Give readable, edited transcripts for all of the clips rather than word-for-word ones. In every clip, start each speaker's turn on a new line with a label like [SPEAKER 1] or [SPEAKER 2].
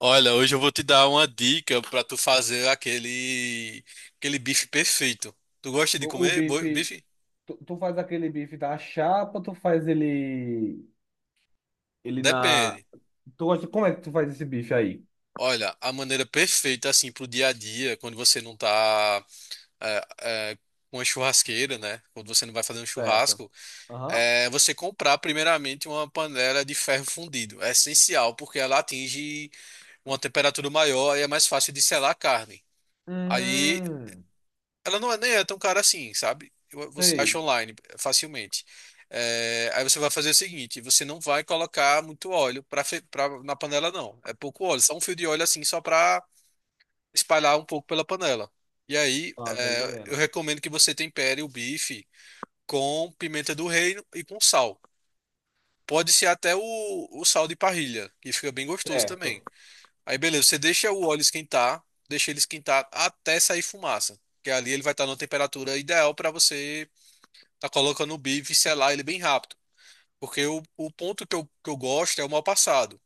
[SPEAKER 1] Olha, hoje eu vou te dar uma dica para tu fazer aquele bife perfeito. Tu gosta de
[SPEAKER 2] O
[SPEAKER 1] comer
[SPEAKER 2] bife,
[SPEAKER 1] bife?
[SPEAKER 2] tu faz aquele bife da chapa, tu faz ele, ele na...
[SPEAKER 1] Depende.
[SPEAKER 2] Tu gosta, como é que tu faz esse bife aí?
[SPEAKER 1] Olha, a maneira perfeita assim pro dia a dia, quando você não tá é, é, com uma churrasqueira, né? Quando você não vai fazer um
[SPEAKER 2] Certo.
[SPEAKER 1] churrasco,
[SPEAKER 2] Aham.
[SPEAKER 1] é você comprar primeiramente uma panela de ferro fundido. É essencial porque ela atinge uma temperatura maior e é mais fácil de selar a carne. Aí
[SPEAKER 2] Hum,
[SPEAKER 1] Ela não é nem é tão cara assim, sabe? Você acha
[SPEAKER 2] sei.
[SPEAKER 1] online facilmente. Aí você vai fazer o seguinte, você não vai colocar muito óleo pra, na panela, não. É pouco óleo, só um fio de óleo assim, só pra espalhar um pouco pela panela. E aí,
[SPEAKER 2] Ah, tô
[SPEAKER 1] eu
[SPEAKER 2] entendendo.
[SPEAKER 1] recomendo que você tempere o bife com pimenta do reino e com sal. Pode ser até o sal de parrilha, que fica bem gostoso também.
[SPEAKER 2] Certo.
[SPEAKER 1] Aí, beleza, você deixa o óleo esquentar, deixa ele esquentar até sair fumaça. Que ali ele vai estar numa temperatura ideal para você tá colocando o bife e selar ele bem rápido. Porque o ponto que que eu gosto é o mal passado.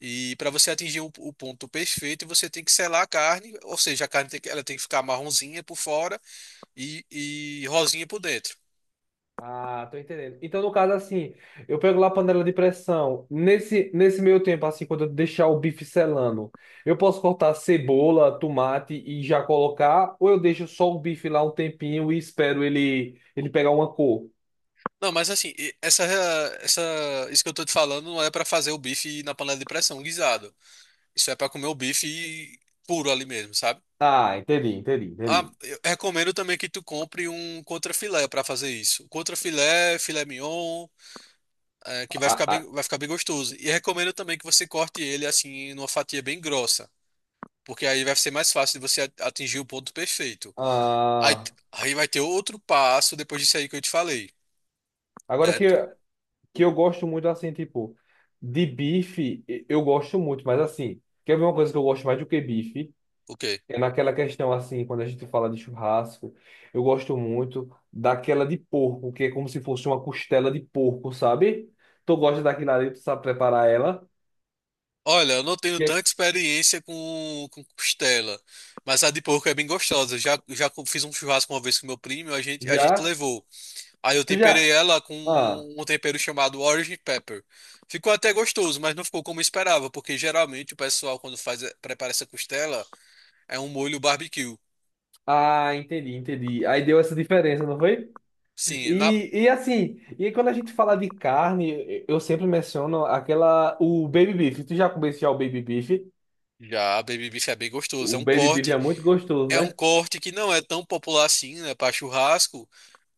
[SPEAKER 1] E para você atingir o ponto perfeito, você tem que selar a carne, ou seja, a carne tem que, ela tem que ficar marronzinha por fora e rosinha por dentro.
[SPEAKER 2] Ah, tô entendendo. Então, no caso, assim, eu pego lá a panela de pressão. Nesse meio tempo, assim, quando eu deixar o bife selando, eu posso cortar cebola, tomate e já colocar, ou eu deixo só o bife lá um tempinho e espero ele, ele pegar uma cor?
[SPEAKER 1] Não, mas assim, essa, isso que eu tô te falando não é para fazer o bife na panela de pressão guisado. Isso é para comer o bife puro ali mesmo, sabe?
[SPEAKER 2] Ah, entendi, entendi,
[SPEAKER 1] Ah,
[SPEAKER 2] entendi.
[SPEAKER 1] eu recomendo também que tu compre um contrafilé para fazer isso. Contrafilé, filé mignon, é, que
[SPEAKER 2] A- a-
[SPEAKER 1] vai ficar bem gostoso. E recomendo também que você corte ele assim numa fatia bem grossa, porque aí vai ser mais fácil de você atingir o ponto perfeito. Aí,
[SPEAKER 2] a-
[SPEAKER 1] aí vai ter outro passo depois disso aí que eu te falei.
[SPEAKER 2] Agora
[SPEAKER 1] É,
[SPEAKER 2] que eu gosto muito, assim, tipo, de bife, eu gosto muito, mas assim, quer ver uma coisa que eu gosto mais do que bife?
[SPEAKER 1] o quê?
[SPEAKER 2] É naquela questão, assim, quando a gente fala de churrasco, eu gosto muito daquela de porco, que é como se fosse uma costela de porco, sabe? Tu gosta daquilo ali, tu sabe preparar ela?
[SPEAKER 1] Olha, eu não tenho
[SPEAKER 2] Que é-
[SPEAKER 1] tanta experiência com costela, mas a de porco é bem gostosa. Já, fiz um churrasco uma vez com meu primo, a gente
[SPEAKER 2] Já?
[SPEAKER 1] levou. Aí eu
[SPEAKER 2] Tu
[SPEAKER 1] temperei
[SPEAKER 2] já?
[SPEAKER 1] ela com
[SPEAKER 2] Ah,
[SPEAKER 1] um tempero chamado Orange Pepper. Ficou até gostoso, mas não ficou como eu esperava, porque geralmente o pessoal, quando faz, prepara essa costela, é um molho barbecue.
[SPEAKER 2] ah, entendi, entendi. Aí deu essa diferença, não foi?
[SPEAKER 1] Sim,
[SPEAKER 2] E assim, e quando a gente fala de carne, eu sempre menciono aquela, o baby beef. Tu já comeu já o baby beef?
[SPEAKER 1] já a baby beef é bem gostoso.
[SPEAKER 2] O baby beef é muito gostoso,
[SPEAKER 1] É um
[SPEAKER 2] né?
[SPEAKER 1] corte que não é tão popular assim, né, para churrasco,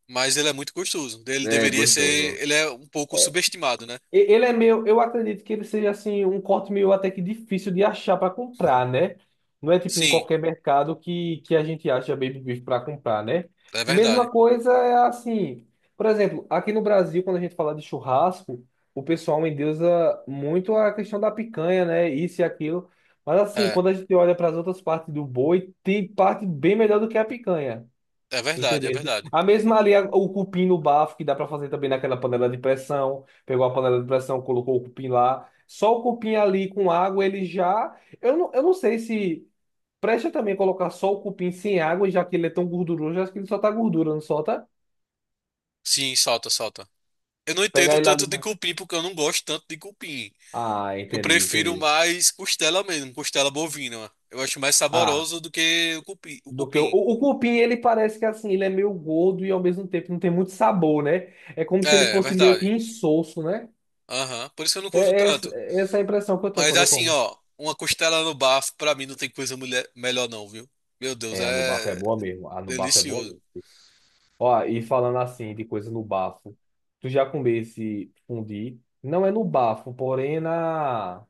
[SPEAKER 1] mas ele é muito gostoso. Ele
[SPEAKER 2] É
[SPEAKER 1] deveria ser,
[SPEAKER 2] gostoso.
[SPEAKER 1] ele é um pouco subestimado, né?
[SPEAKER 2] Ele é meio, eu acredito que ele seja assim um corte meio até que difícil de achar para comprar, né? Não é tipo em
[SPEAKER 1] Sim,
[SPEAKER 2] qualquer mercado que a gente acha baby beef para comprar, né?
[SPEAKER 1] é verdade.
[SPEAKER 2] Mesma coisa é assim, por exemplo, aqui no Brasil, quando a gente fala de churrasco, o pessoal endeusa muito a questão da picanha, né? Isso e aquilo. Mas assim,
[SPEAKER 1] É,
[SPEAKER 2] quando a gente olha para as outras partes do boi, tem parte bem melhor do que a picanha.
[SPEAKER 1] é verdade, é
[SPEAKER 2] Entendeu?
[SPEAKER 1] verdade.
[SPEAKER 2] A mesma ali, o cupim no bafo, que dá pra fazer também naquela panela de pressão. Pegou a panela de pressão, colocou o cupim lá. Só o cupim ali com água, ele já. Eu não sei se. Presta também colocar só o cupim sem água, já que ele é tão gorduroso, acho que ele só tá gordura, não solta?
[SPEAKER 1] Sim, salta, salta. Eu não
[SPEAKER 2] Pegar
[SPEAKER 1] entendo
[SPEAKER 2] ele ali
[SPEAKER 1] tanto de
[SPEAKER 2] na.
[SPEAKER 1] cupim, porque eu não gosto tanto de cupim.
[SPEAKER 2] Ah,
[SPEAKER 1] Eu
[SPEAKER 2] entendi,
[SPEAKER 1] prefiro
[SPEAKER 2] entendi.
[SPEAKER 1] mais costela mesmo, costela bovina. Eu acho mais
[SPEAKER 2] Ah,
[SPEAKER 1] saboroso do que o o
[SPEAKER 2] do que o,
[SPEAKER 1] cupim.
[SPEAKER 2] o cupim, ele parece que assim, ele é meio gordo e ao mesmo tempo não tem muito sabor, né? É como se ele
[SPEAKER 1] É, é
[SPEAKER 2] fosse meio que
[SPEAKER 1] verdade.
[SPEAKER 2] insosso, né?
[SPEAKER 1] Aham, por isso que eu não
[SPEAKER 2] É,
[SPEAKER 1] curto
[SPEAKER 2] é essa
[SPEAKER 1] tanto.
[SPEAKER 2] é essa a impressão que eu tenho
[SPEAKER 1] Mas
[SPEAKER 2] quando eu
[SPEAKER 1] assim,
[SPEAKER 2] como.
[SPEAKER 1] ó, uma costela no bafo, pra mim não tem coisa melhor não, viu? Meu Deus,
[SPEAKER 2] É, a no bafo é
[SPEAKER 1] é
[SPEAKER 2] boa mesmo. A no bafo é boa
[SPEAKER 1] delicioso.
[SPEAKER 2] mesmo. Ó, e falando assim de coisa no bafo, tu já comesse fundi? Não é no bafo, porém é na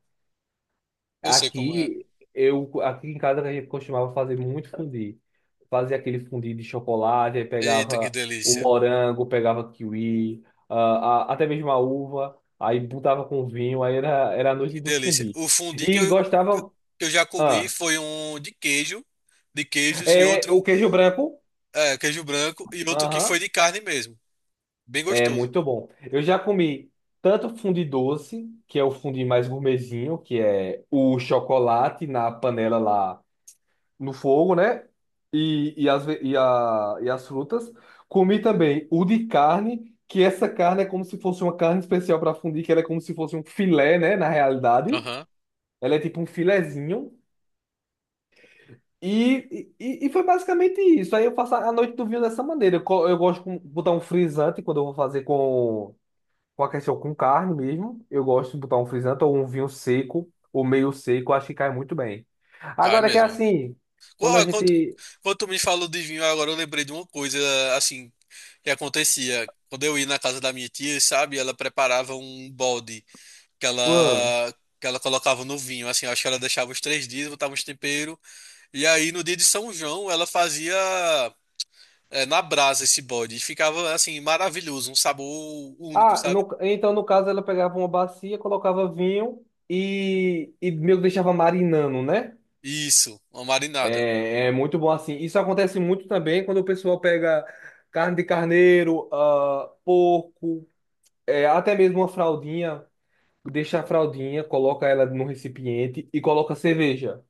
[SPEAKER 1] Eu sei como é.
[SPEAKER 2] aqui eu aqui em casa a gente costumava fazer muito fundi. Fazia aquele fundi de chocolate, aí
[SPEAKER 1] Eita, que
[SPEAKER 2] pegava o
[SPEAKER 1] delícia,
[SPEAKER 2] morango, pegava kiwi, ah, até mesmo a uva, aí botava com vinho, aí era a
[SPEAKER 1] que
[SPEAKER 2] noite do
[SPEAKER 1] delícia.
[SPEAKER 2] fundi.
[SPEAKER 1] O fundi que
[SPEAKER 2] E
[SPEAKER 1] que
[SPEAKER 2] gostava,
[SPEAKER 1] eu já comi
[SPEAKER 2] ah,
[SPEAKER 1] foi um de queijo, de queijos e
[SPEAKER 2] é
[SPEAKER 1] outro,
[SPEAKER 2] o queijo branco?
[SPEAKER 1] é, queijo branco e outro que foi
[SPEAKER 2] Aham.
[SPEAKER 1] de carne mesmo. Bem
[SPEAKER 2] É
[SPEAKER 1] gostoso.
[SPEAKER 2] muito bom. Eu já comi tanto fundi doce, que é o fundi mais gourmetzinho, que é o chocolate na panela lá no fogo, né? E, as, ve- e, a, e as frutas. Comi também o de carne, que essa carne é como se fosse uma carne especial para fundir, que ela é como se fosse um filé, né? Na realidade,
[SPEAKER 1] Aham,
[SPEAKER 2] ela é tipo um filezinho. E foi basicamente isso. Aí eu faço a noite do vinho dessa maneira. Eu gosto de botar um frisante quando eu vou fazer com. Com a questão com carne mesmo, eu gosto de botar um frisante ou um vinho seco, ou meio seco, acho que cai muito bem.
[SPEAKER 1] cai
[SPEAKER 2] Agora que é
[SPEAKER 1] mesmo.
[SPEAKER 2] assim, quando a
[SPEAKER 1] Ó,
[SPEAKER 2] gente.
[SPEAKER 1] quando tu me falou de vinho, agora eu lembrei de uma coisa, assim, que acontecia. Quando eu ia na casa da minha tia, sabe, ela preparava um balde que ela,
[SPEAKER 2] Hum.
[SPEAKER 1] que ela colocava no vinho, assim, acho que ela deixava os 3 dias, botava uns temperos, e aí no dia de São João ela fazia na brasa esse balde, e ficava, assim, maravilhoso, um sabor único,
[SPEAKER 2] Ah,
[SPEAKER 1] sabe?
[SPEAKER 2] então no caso ela pegava uma bacia, colocava vinho e meio que deixava marinando, né?
[SPEAKER 1] Isso, uma marinada.
[SPEAKER 2] É, é muito bom assim. Isso acontece muito também quando o pessoal pega carne de carneiro, ah, porco, é, até mesmo uma fraldinha, deixa a fraldinha, coloca ela num recipiente e coloca cerveja.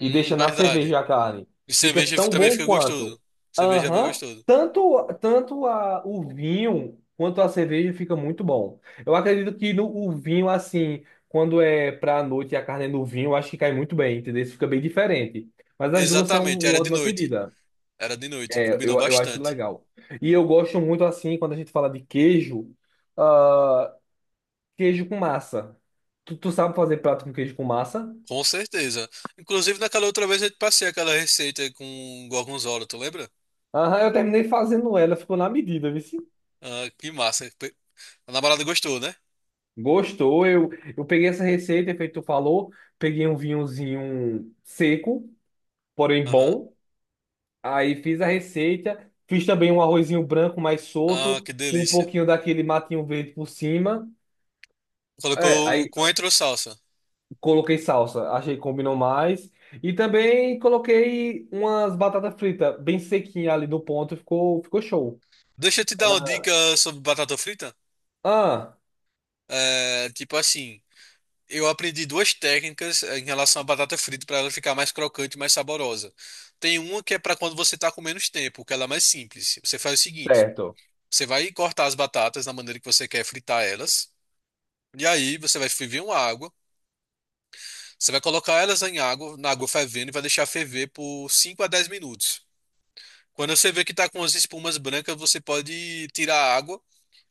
[SPEAKER 2] E deixa na
[SPEAKER 1] Verdade.
[SPEAKER 2] cerveja a carne.
[SPEAKER 1] E
[SPEAKER 2] Fica
[SPEAKER 1] cerveja
[SPEAKER 2] tão
[SPEAKER 1] também
[SPEAKER 2] bom
[SPEAKER 1] fica
[SPEAKER 2] quanto.
[SPEAKER 1] gostoso. Cerveja é bem
[SPEAKER 2] Aham.
[SPEAKER 1] gostoso.
[SPEAKER 2] Tanto, tanto o vinho quanto a cerveja fica muito bom. Eu acredito que no, o vinho, assim, quando é pra noite e a carne é no vinho, eu acho que cai muito bem, entendeu? Isso fica bem diferente. Mas as duas são
[SPEAKER 1] Exatamente,
[SPEAKER 2] uma
[SPEAKER 1] era de
[SPEAKER 2] ótima
[SPEAKER 1] noite.
[SPEAKER 2] pedida.
[SPEAKER 1] Era de noite,
[SPEAKER 2] É,
[SPEAKER 1] combinou
[SPEAKER 2] eu acho
[SPEAKER 1] bastante.
[SPEAKER 2] legal. E eu gosto muito, assim, quando a gente fala de queijo, ah, queijo com massa. Tu sabe fazer prato com queijo com massa?
[SPEAKER 1] Com certeza. Inclusive, naquela outra vez eu te passei aquela receita com gorgonzola, tu lembra?
[SPEAKER 2] Aham, eu terminei fazendo ela, ficou na medida, viu?
[SPEAKER 1] Ah, que massa. A namorada gostou, né?
[SPEAKER 2] Gostou? Eu peguei essa receita, é feito tu falou, peguei um vinhozinho seco, porém
[SPEAKER 1] Aham.
[SPEAKER 2] bom. Aí fiz a receita, fiz também um arrozinho branco mais
[SPEAKER 1] Ah,
[SPEAKER 2] solto,
[SPEAKER 1] que
[SPEAKER 2] com um
[SPEAKER 1] delícia.
[SPEAKER 2] pouquinho daquele matinho verde por cima. É,
[SPEAKER 1] Colocou
[SPEAKER 2] aí
[SPEAKER 1] coentro ou salsa.
[SPEAKER 2] coloquei salsa, achei que combinou mais. E também coloquei umas batatas fritas bem sequinha ali no ponto, ficou show.
[SPEAKER 1] Deixa eu te dar uma dica
[SPEAKER 2] Era-
[SPEAKER 1] sobre batata frita.
[SPEAKER 2] Ah,
[SPEAKER 1] É, tipo assim, eu aprendi duas técnicas em relação à batata frita para ela ficar mais crocante e mais saborosa. Tem uma que é para quando você tá com menos tempo, que ela é mais simples. Você faz o seguinte:
[SPEAKER 2] certo.
[SPEAKER 1] você vai cortar as batatas na maneira que você quer fritar elas. E aí você vai ferver uma água, você vai colocar elas em água, na água fervendo e vai deixar ferver por 5 a 10 minutos. Quando você vê que tá com as espumas brancas, você pode tirar a água.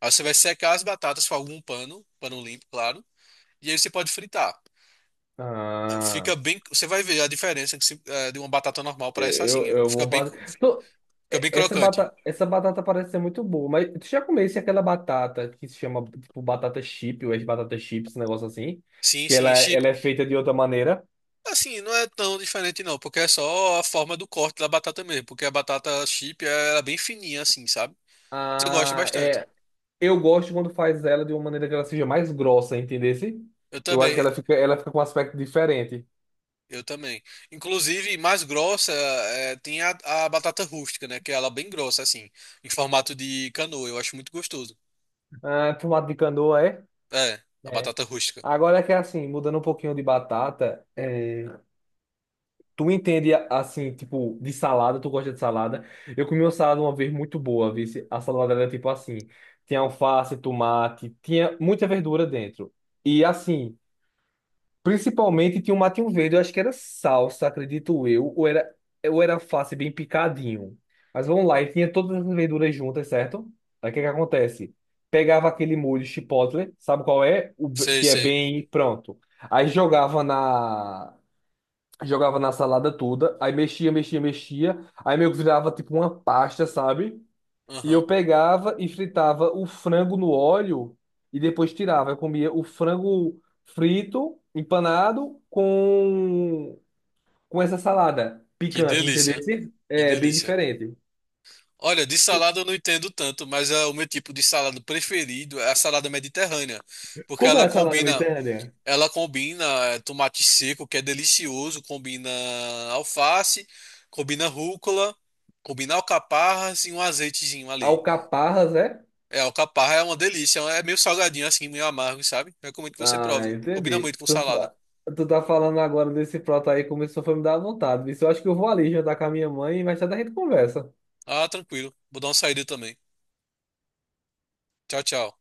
[SPEAKER 1] Aí você vai secar as batatas com algum pano, pano limpo, claro. E aí você pode fritar.
[SPEAKER 2] Ah.
[SPEAKER 1] Fica bem, você vai ver a diferença que de uma batata normal para essa assim,
[SPEAKER 2] Eu vou fazer. Tô-
[SPEAKER 1] fica bem crocante.
[SPEAKER 2] Essa batata parece ser muito boa, mas tu já comesse aquela batata que se chama tipo batata chip, ou é batata chips, esse negócio assim?
[SPEAKER 1] Sim,
[SPEAKER 2] Que
[SPEAKER 1] sim, chip.
[SPEAKER 2] ela é feita de outra maneira.
[SPEAKER 1] Assim, não é tão diferente não, porque é só a forma do corte da batata mesmo, porque a batata chip ela é bem fininha assim, sabe? Mas eu gosto
[SPEAKER 2] Ah,
[SPEAKER 1] bastante.
[SPEAKER 2] é. Eu gosto quando faz ela de uma maneira que ela seja mais grossa, entendesse?
[SPEAKER 1] Eu
[SPEAKER 2] Eu acho que
[SPEAKER 1] também,
[SPEAKER 2] ela fica com um aspecto diferente.
[SPEAKER 1] eu também. Inclusive, mais grossa é, tem a batata rústica, né? Que ela é bem grossa, assim, em formato de canoa. Eu acho muito gostoso.
[SPEAKER 2] Ah, tomate de canoa, é?
[SPEAKER 1] É, a
[SPEAKER 2] É.
[SPEAKER 1] batata rústica.
[SPEAKER 2] Agora é que é assim, mudando um pouquinho de batata. Tu entende assim, tipo, de salada, tu gosta de salada. Eu comi uma salada uma vez muito boa, viu a salada era tipo assim, tinha alface, tomate, tinha muita verdura dentro. E assim, principalmente tinha um matinho verde, eu acho que era salsa, acredito eu, ou era alface bem picadinho. Mas vamos lá, e tinha todas as verduras juntas, certo? Aí o que que acontece? Pegava aquele molho chipotle, sabe qual é?
[SPEAKER 1] Sei,
[SPEAKER 2] Que é
[SPEAKER 1] sei.
[SPEAKER 2] bem pronto. Aí jogava na salada toda, aí mexia, mexia, mexia, aí meio que virava tipo uma pasta, sabe? E eu
[SPEAKER 1] Aham.
[SPEAKER 2] pegava e fritava o frango no óleo e depois tirava. Eu comia o frango frito, empanado, com essa salada
[SPEAKER 1] Que
[SPEAKER 2] picante, entendeu?
[SPEAKER 1] delícia, que
[SPEAKER 2] É bem
[SPEAKER 1] delícia.
[SPEAKER 2] diferente.
[SPEAKER 1] Olha, de salada eu não entendo tanto, mas é o meu tipo de salada preferido é a salada mediterrânea, porque
[SPEAKER 2] Como é
[SPEAKER 1] ela
[SPEAKER 2] a salada
[SPEAKER 1] combina.
[SPEAKER 2] mediterrânea?
[SPEAKER 1] Ela combina é, tomate seco, que é delicioso, combina alface, combina rúcula, combina alcaparras e um azeitezinho ali.
[SPEAKER 2] Alcaparras, é?
[SPEAKER 1] É, alcaparra é uma delícia, é meio salgadinho assim, meio amargo, sabe? Recomendo que você
[SPEAKER 2] Ah,
[SPEAKER 1] prove. Combina muito
[SPEAKER 2] entendi.
[SPEAKER 1] com salada.
[SPEAKER 2] Tu tá falando agora desse prato aí, começou a me dar vontade. Isso eu acho que eu vou ali jantar com a minha mãe e mais tarde a gente conversa.
[SPEAKER 1] Ah, tranquilo. Vou dar uma saída também. Tchau, tchau.